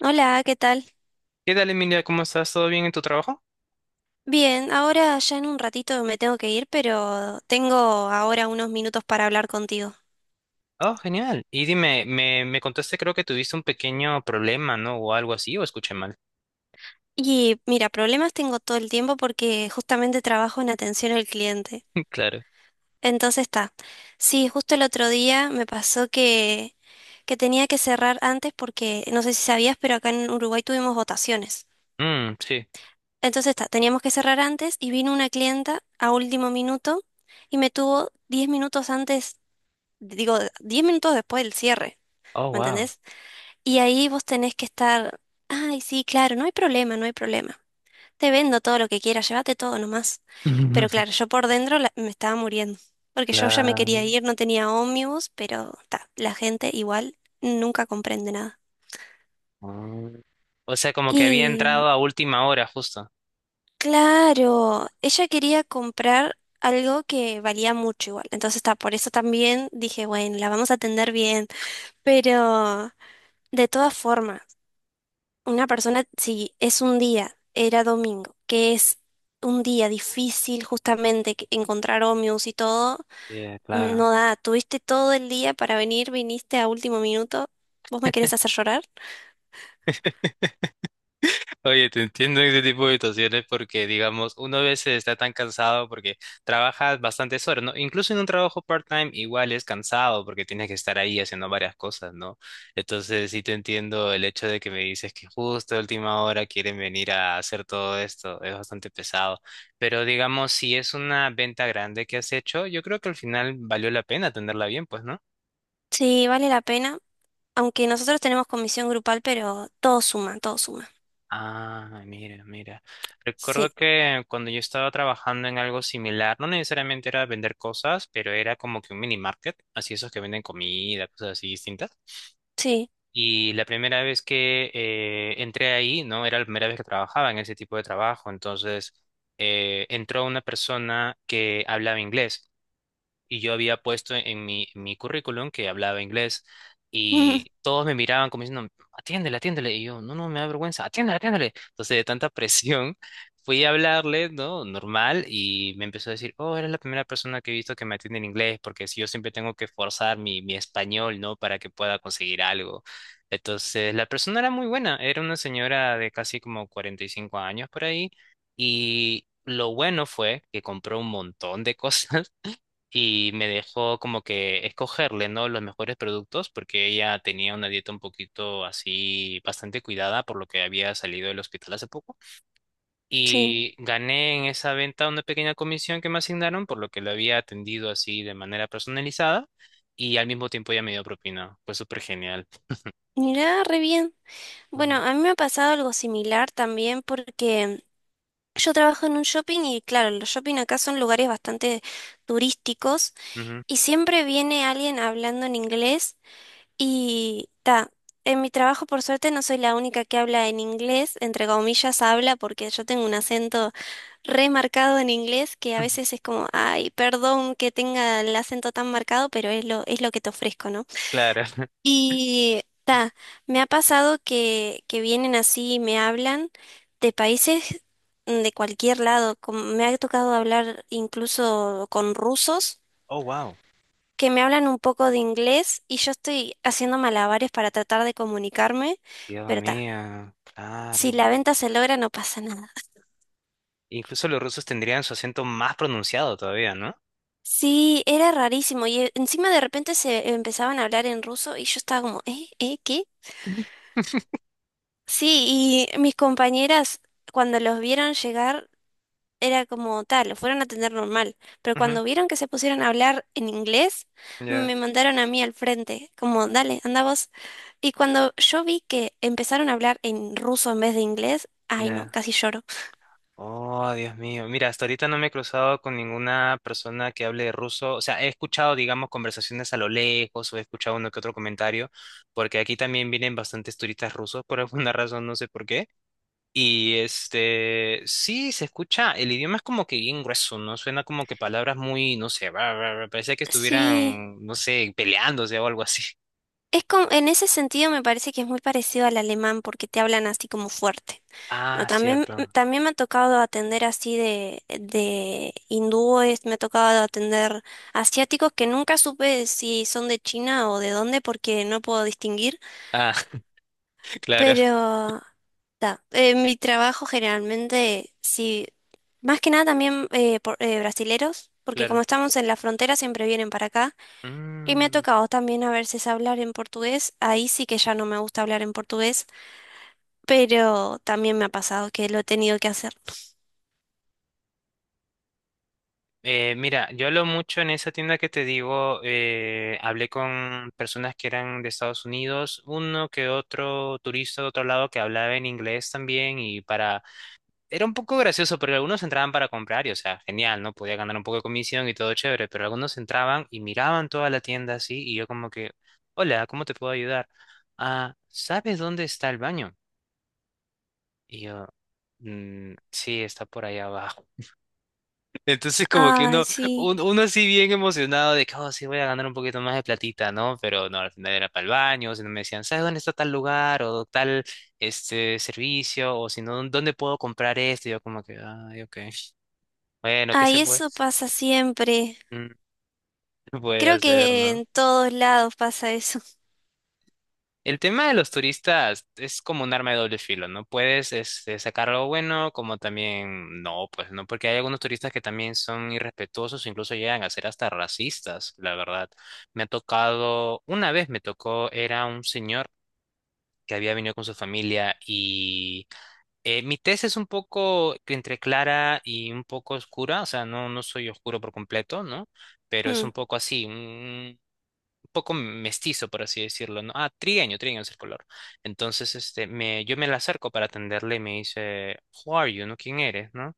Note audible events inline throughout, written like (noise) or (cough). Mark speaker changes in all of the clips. Speaker 1: Hola, ¿qué tal?
Speaker 2: ¿Qué tal, Emilia? ¿Cómo estás? ¿Todo bien en tu trabajo?
Speaker 1: Bien, ahora ya en un ratito me tengo que ir, pero tengo ahora unos minutos para hablar contigo.
Speaker 2: Oh, genial. Y dime, me contaste, creo que tuviste un pequeño problema, ¿no? O algo así, o escuché mal.
Speaker 1: Y mira, problemas tengo todo el tiempo porque justamente trabajo en atención al cliente.
Speaker 2: (laughs) Claro.
Speaker 1: Entonces está. Sí, justo el otro día me pasó que tenía que cerrar antes porque, no sé si sabías, pero acá en Uruguay tuvimos votaciones.
Speaker 2: Mm, sí.
Speaker 1: Entonces está, teníamos que cerrar antes y vino una clienta a último minuto y me tuvo 10 minutos antes, digo, 10 minutos después del cierre.
Speaker 2: Oh,
Speaker 1: ¿Me
Speaker 2: wow.
Speaker 1: entendés? Y ahí vos tenés que estar, ay, sí, claro, no hay problema, no hay problema. Te vendo todo lo que quieras, llévate todo nomás. Pero claro,
Speaker 2: (laughs)
Speaker 1: yo por dentro me estaba muriendo, porque yo ya me quería
Speaker 2: Claro.
Speaker 1: ir, no tenía ómnibus, pero ta, la gente igual nunca comprende nada.
Speaker 2: Mm. O sea, como que había
Speaker 1: Y
Speaker 2: entrado a última hora, justo.
Speaker 1: claro, ella quería comprar algo que valía mucho igual. Entonces, está, por eso también dije, bueno, la vamos a atender bien. Pero de todas formas, una persona, si es un día, era domingo, que es un día difícil justamente que- encontrar ómnibus y todo,
Speaker 2: Sí, claro.
Speaker 1: no da, tuviste todo el día para venir, viniste a último minuto, ¿vos me querés hacer llorar?
Speaker 2: (laughs) Oye, te entiendo en ese tipo de situaciones porque, digamos, uno a veces está tan cansado porque trabajas bastantes horas, ¿no? Incluso en un trabajo part-time igual es cansado porque tienes que estar ahí haciendo varias cosas, ¿no? Entonces sí te entiendo el hecho de que me dices que justo a última hora quieren venir a hacer todo esto, es bastante pesado. Pero, digamos, si es una venta grande que has hecho, yo creo que al final valió la pena tenerla bien, pues, ¿no?
Speaker 1: Sí, vale la pena, aunque nosotros tenemos comisión grupal, pero todo suma, todo suma.
Speaker 2: Ah, mira, mira. Recuerdo
Speaker 1: Sí,
Speaker 2: que cuando yo estaba trabajando en algo similar, no necesariamente era vender cosas, pero era como que un mini market, así esos que venden comida, cosas así distintas.
Speaker 1: sí,
Speaker 2: Y la primera vez que entré ahí, ¿no? Era la primera vez que trabajaba en ese tipo de trabajo. Entonces, entró una persona que hablaba inglés y yo había puesto en en mi currículum que hablaba inglés y
Speaker 1: (laughs)
Speaker 2: todos me miraban como diciendo, atiéndele, atiéndele. Y yo, no, no, me da vergüenza, atiéndele, atiéndele. Entonces, de tanta (laughs) presión, fui a hablarle, ¿no? Normal y me empezó a decir, oh, eres la primera persona que he visto que me atiende en inglés porque si yo siempre tengo que forzar mi español, ¿no? Para que pueda conseguir algo. Entonces, la persona era muy buena, era una señora de casi como 45 años por ahí y... Lo bueno fue que compró un montón de (laughs) cosas y me dejó como que escogerle, ¿no? Los mejores productos porque ella tenía una dieta un poquito así bastante cuidada por lo que había salido del hospital hace poco
Speaker 1: sí.
Speaker 2: y gané en esa venta una pequeña comisión que me asignaron por lo que lo había atendido así de manera personalizada y al mismo tiempo ella me dio propina. Fue súper genial.
Speaker 1: Mirá, re bien. Bueno,
Speaker 2: Ujú,
Speaker 1: a mí me ha pasado algo similar también porque yo trabajo en un shopping y claro, los shopping acá son lugares bastante turísticos.
Speaker 2: ujú,
Speaker 1: Y siempre viene alguien hablando en inglés y ta, en mi trabajo por suerte no soy la única que habla en inglés, entre comillas habla porque yo tengo un acento remarcado en inglés que a
Speaker 2: ujú.
Speaker 1: veces es como, ay, perdón que tenga el acento tan marcado, pero es lo que te ofrezco, ¿no?
Speaker 2: Claro. (laughs)
Speaker 1: Y ta, me ha pasado que vienen así y me hablan de países de cualquier lado, como me ha tocado hablar incluso con rusos
Speaker 2: Oh, wow.
Speaker 1: que me hablan un poco de inglés y yo estoy haciendo malabares para tratar de comunicarme,
Speaker 2: Dios
Speaker 1: pero ta,
Speaker 2: mío,
Speaker 1: si
Speaker 2: claro.
Speaker 1: la venta se logra no pasa nada. (laughs)
Speaker 2: Incluso los rusos tendrían su acento más pronunciado todavía, ¿no?
Speaker 1: Sí, era rarísimo y encima de repente se empezaban a hablar en ruso y yo estaba como, ¿eh? ¿Eh? ¿Qué? Sí, y mis compañeras cuando los vieron llegar era como tal, lo fueron a atender normal, pero
Speaker 2: Ujú.
Speaker 1: cuando vieron que se pusieron a hablar en inglés,
Speaker 2: Ya,
Speaker 1: me mandaron a mí al frente, como, dale, anda vos. Y cuando yo vi que empezaron a hablar en ruso en vez de inglés, ay no,
Speaker 2: ya.
Speaker 1: casi lloro.
Speaker 2: Oh, Dios mío. Mira, hasta ahorita no me he cruzado con ninguna persona que hable ruso. O sea, he escuchado, digamos, conversaciones a lo lejos o he escuchado uno que otro comentario, porque aquí también vienen bastantes turistas rusos por (laughs) alguna razón, no sé por qué. Y este, sí, se escucha, el idioma es como que bien grueso, ¿no? Suena como que palabras muy, no sé, bla, bla, bla, parecía que
Speaker 1: Sí.
Speaker 2: estuvieran, no sé, peleándose o algo así.
Speaker 1: Es como, en ese sentido me parece que es muy parecido al alemán porque te hablan así como fuerte. Bueno,
Speaker 2: Ah,
Speaker 1: también,
Speaker 2: cierto.
Speaker 1: también me ha tocado atender así de hindúes, me ha tocado atender asiáticos que nunca supe si son de China o de dónde porque no puedo distinguir.
Speaker 2: Ah, (laughs) claro,
Speaker 1: Pero ta, en mi trabajo generalmente, sí, más que nada también brasileros, porque como
Speaker 2: claro.
Speaker 1: estamos en la frontera siempre vienen para acá. Y me ha
Speaker 2: Mm.
Speaker 1: tocado también a veces hablar en portugués. Ahí sí que ya no me gusta hablar en portugués, pero también me ha pasado que lo he tenido que hacer.
Speaker 2: Mira, yo hablo mucho en esa tienda que te digo, hablé con personas que eran de Estados Unidos, uno que otro turista de otro lado que hablaba en inglés también y para... Era un poco gracioso, pero algunos entraban para comprar y, o sea, genial, ¿no? Podía ganar un poco de comisión y todo chévere, pero algunos entraban y miraban toda la tienda así y yo como que, hola, ¿cómo te puedo ayudar? Ah, ¿sabes dónde está el baño? Y yo, "Mm, sí, está por ahí abajo. Entonces como que
Speaker 1: Ay,
Speaker 2: uno,
Speaker 1: sí.
Speaker 2: uno así bien emocionado de que, oh, sí voy a ganar un poquito más de platita, ¿no? Pero no, al final era para el baño, si no me decían, ¿sabes dónde está tal lugar o tal este servicio? O si no, ¿dónde puedo comprar esto? Y yo como que, ay, ok. Bueno, ¿qué
Speaker 1: Ay,
Speaker 2: se puede?
Speaker 1: eso pasa siempre.
Speaker 2: Mm, (laughs) ¿qué se puede
Speaker 1: Creo
Speaker 2: hacer,
Speaker 1: que
Speaker 2: no?
Speaker 1: en todos lados pasa eso. (laughs)
Speaker 2: El tema de los turistas es como un arma de doble filo, ¿no? Puedes este, sacar algo bueno, como también no, pues no, porque hay algunos turistas que también son irrespetuosos, incluso llegan a ser hasta racistas, la verdad. Me ha tocado, una vez me tocó, era un señor que había venido con su familia y mi tez es un poco entre clara y un poco oscura, o sea, no, no soy oscuro por completo, ¿no? Pero es un
Speaker 1: Mm.
Speaker 2: poco así, poco mestizo, por así decirlo, ¿no? Ah, trigueño, trigueño es el color. Entonces, este, me, yo me la acerco para atenderle y me dice, Who are you, ¿no? ¿Quién eres, no?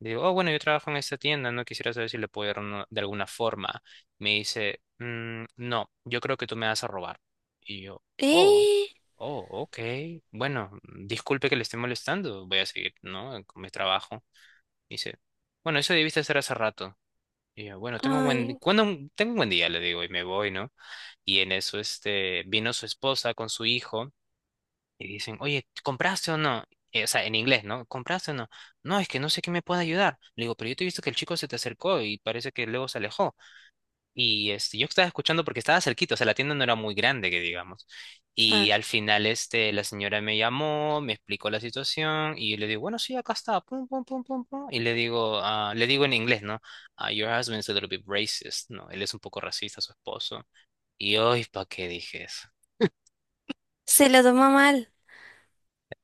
Speaker 2: Le digo, oh, bueno, yo trabajo en esta tienda, ¿no? Quisiera saber si le puedo ayudar de alguna forma. Me dice, "Mm, no, yo creo que tú me vas a robar. Y yo, oh,
Speaker 1: ¿Eh?
Speaker 2: oh, ok. Bueno, disculpe que le esté molestando, voy a seguir, ¿no? Con mi trabajo. Dice, bueno, eso debiste hacer hace rato. Y yo,
Speaker 1: Ay,
Speaker 2: tengo un buen día, le digo, y me voy, ¿no? Y en eso, este, vino su esposa con su hijo y dicen, oye, ¿compraste o no? O sea, en inglés, ¿no? ¿Compraste o no? No, es que no sé qué me puede ayudar. Le digo, pero yo te he visto que el chico se te acercó y parece que luego se alejó. Y este, yo estaba escuchando porque estaba cerquito, o sea, la tienda no era muy grande, que digamos.
Speaker 1: a
Speaker 2: Y al
Speaker 1: ver.
Speaker 2: final, este, la señora me llamó, me explicó la situación y le digo, bueno, sí, acá está, pum, pum, pum, pum, pum. Y le digo, ah, le digo en inglés, ¿no? Ah, your husband's a little bit racist, ¿no? Él es un poco racista, su esposo. Y hoy, ¿para qué dije eso?
Speaker 1: Se lo tomó mal.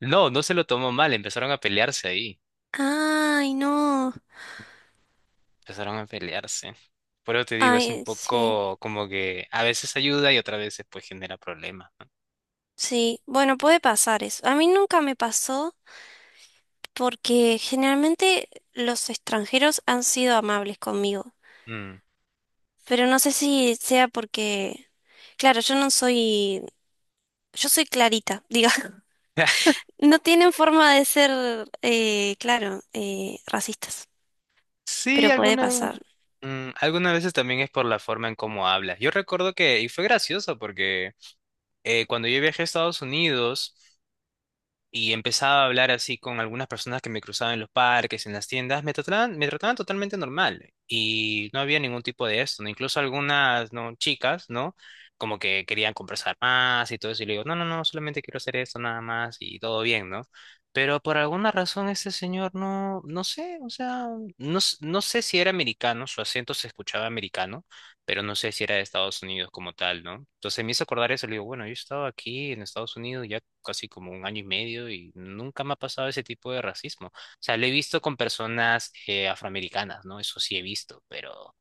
Speaker 2: No, no se lo tomó mal, empezaron a pelearse ahí,
Speaker 1: Ay, no.
Speaker 2: empezaron a pelearse. Por eso te digo, es un
Speaker 1: Ay, sí.
Speaker 2: poco como que a veces ayuda y otras veces pues genera problemas.
Speaker 1: Sí. Bueno, puede pasar eso. A mí nunca me pasó porque generalmente los extranjeros han sido amables conmigo.
Speaker 2: ¿No? Mm.
Speaker 1: Pero no sé si sea porque, claro, yo no soy, yo soy clarita, diga. (laughs)
Speaker 2: (laughs)
Speaker 1: No tienen forma de ser, claro, racistas,
Speaker 2: Sí,
Speaker 1: pero puede pasar.
Speaker 2: mm, algunas veces también es por la forma en cómo hablas. Yo recuerdo que, y fue gracioso porque cuando yo viajé a Estados Unidos, y empezaba a hablar así con algunas personas que me cruzaban en los parques, en las tiendas, me trataban totalmente normal y no había ningún tipo de esto, ¿no? Incluso algunas, ¿no? chicas, ¿no? Como que querían conversar más y todo eso, y le digo, no, no, no, solamente quiero hacer esto nada más y todo bien, ¿no? Pero por alguna razón este señor no, no sé, o sea, no, no sé si era americano, su acento se escuchaba americano pero no sé si era de Estados Unidos como tal, ¿no? Entonces me hizo acordar eso, le digo, bueno, yo he estado aquí en Estados Unidos ya casi como un año y medio y nunca me ha pasado ese tipo de racismo. O sea, lo he visto con personas afroamericanas, ¿no? Eso sí he visto, pero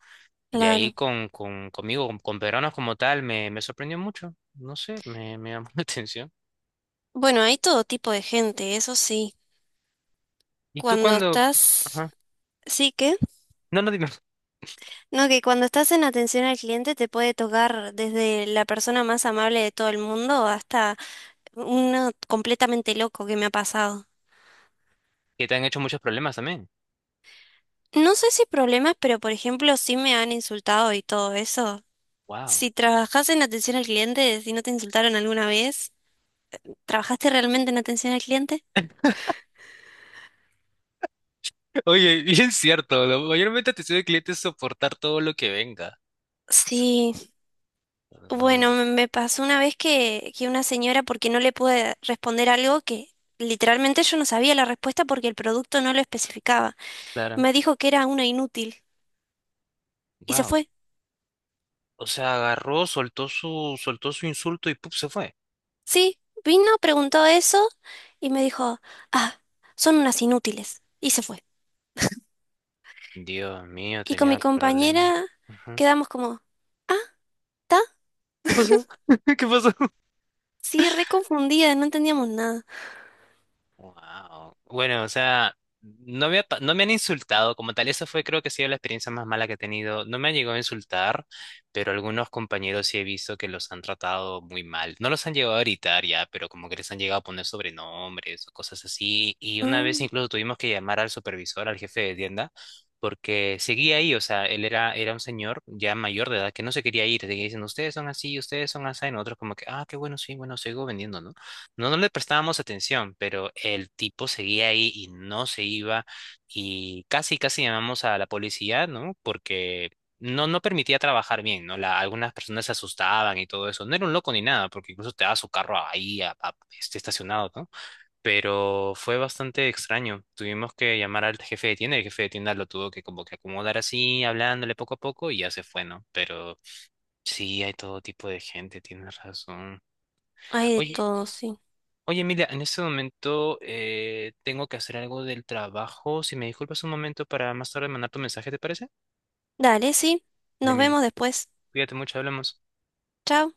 Speaker 2: de ahí
Speaker 1: Claro.
Speaker 2: con, conmigo, con peruanos como tal, me sorprendió mucho, no sé, me llamó (laughs) la atención.
Speaker 1: Bueno, hay todo tipo de gente, eso sí.
Speaker 2: ¿Y tú
Speaker 1: Cuando
Speaker 2: cuando...
Speaker 1: estás,
Speaker 2: Ajá.
Speaker 1: sí que,
Speaker 2: No, no, dime.
Speaker 1: no, que cuando estás en atención al cliente te puede tocar desde la persona más amable de todo el mundo hasta uno completamente loco que me ha pasado.
Speaker 2: Que te han hecho muchos problemas también.
Speaker 1: No sé si problemas, pero por ejemplo, sí me han insultado y todo eso.
Speaker 2: Wow.
Speaker 1: Si trabajas en atención al cliente, si no te insultaron alguna vez, ¿trabajaste realmente en atención al cliente?
Speaker 2: Oye, bien cierto, ¿no? Mayormente te soy de cliente es soportar todo lo que venga.
Speaker 1: Sí,
Speaker 2: Ah,
Speaker 1: bueno, me pasó una vez que una señora, porque no le pude responder algo que literalmente yo no sabía la respuesta porque el producto no lo especificaba,
Speaker 2: claro.
Speaker 1: me dijo que era una inútil y se
Speaker 2: Wow.
Speaker 1: fue.
Speaker 2: O sea, agarró, soltó su insulto y ¡pup! Se fue.
Speaker 1: Sí, vino, preguntó eso y me dijo, ah, son unas inútiles y se fue.
Speaker 2: Dios mío,
Speaker 1: Y con
Speaker 2: tenía
Speaker 1: mi
Speaker 2: el problema.
Speaker 1: compañera
Speaker 2: Ujú.
Speaker 1: quedamos como, ah, está,
Speaker 2: ¿Qué pasó? (laughs) ¿Qué pasó?
Speaker 1: sí, re confundida, no entendíamos nada.
Speaker 2: Wow. Bueno, o sea, no me han insultado como tal. Esa fue, creo que ha sido la experiencia más mala que he tenido. No me han llegado a insultar, pero algunos compañeros sí he visto que los han tratado muy mal. No los han llegado a gritar ya, pero como que les han llegado a poner sobrenombres o cosas así. Y una vez
Speaker 1: Mm,
Speaker 2: incluso tuvimos que llamar al supervisor, al jefe de tienda, porque seguía ahí. O sea, era un señor ya mayor de edad que no se quería ir. Seguía diciendo, ustedes son así, ustedes son así. Y nosotros como que, ah, qué bueno, sí, bueno, sigo vendiendo, ¿no? No, no le prestábamos atención, pero el tipo seguía ahí y no se iba y casi llamamos a la policía, ¿no? Porque no, no permitía trabajar bien, ¿no? La- algunas personas se asustaban y todo eso. No era un loco ni nada, porque incluso te daba su carro ahí este, estacionado, ¿no? Pero fue bastante extraño. Tuvimos que llamar al jefe de tienda y el jefe de tienda lo tuvo que como que acomodar así, hablándole poco a poco y ya se fue, ¿no? Pero sí, hay todo tipo de gente, tienes razón.
Speaker 1: hay de
Speaker 2: Oye,
Speaker 1: todo, sí.
Speaker 2: Oye, Emilia, en este momento tengo que hacer algo del trabajo. Si me disculpas un momento para más tarde mandar tu mensaje, ¿te parece?
Speaker 1: Dale, sí.
Speaker 2: Dale,
Speaker 1: Nos
Speaker 2: Emilia,
Speaker 1: vemos después.
Speaker 2: cuídate mucho, hablamos.
Speaker 1: Chao.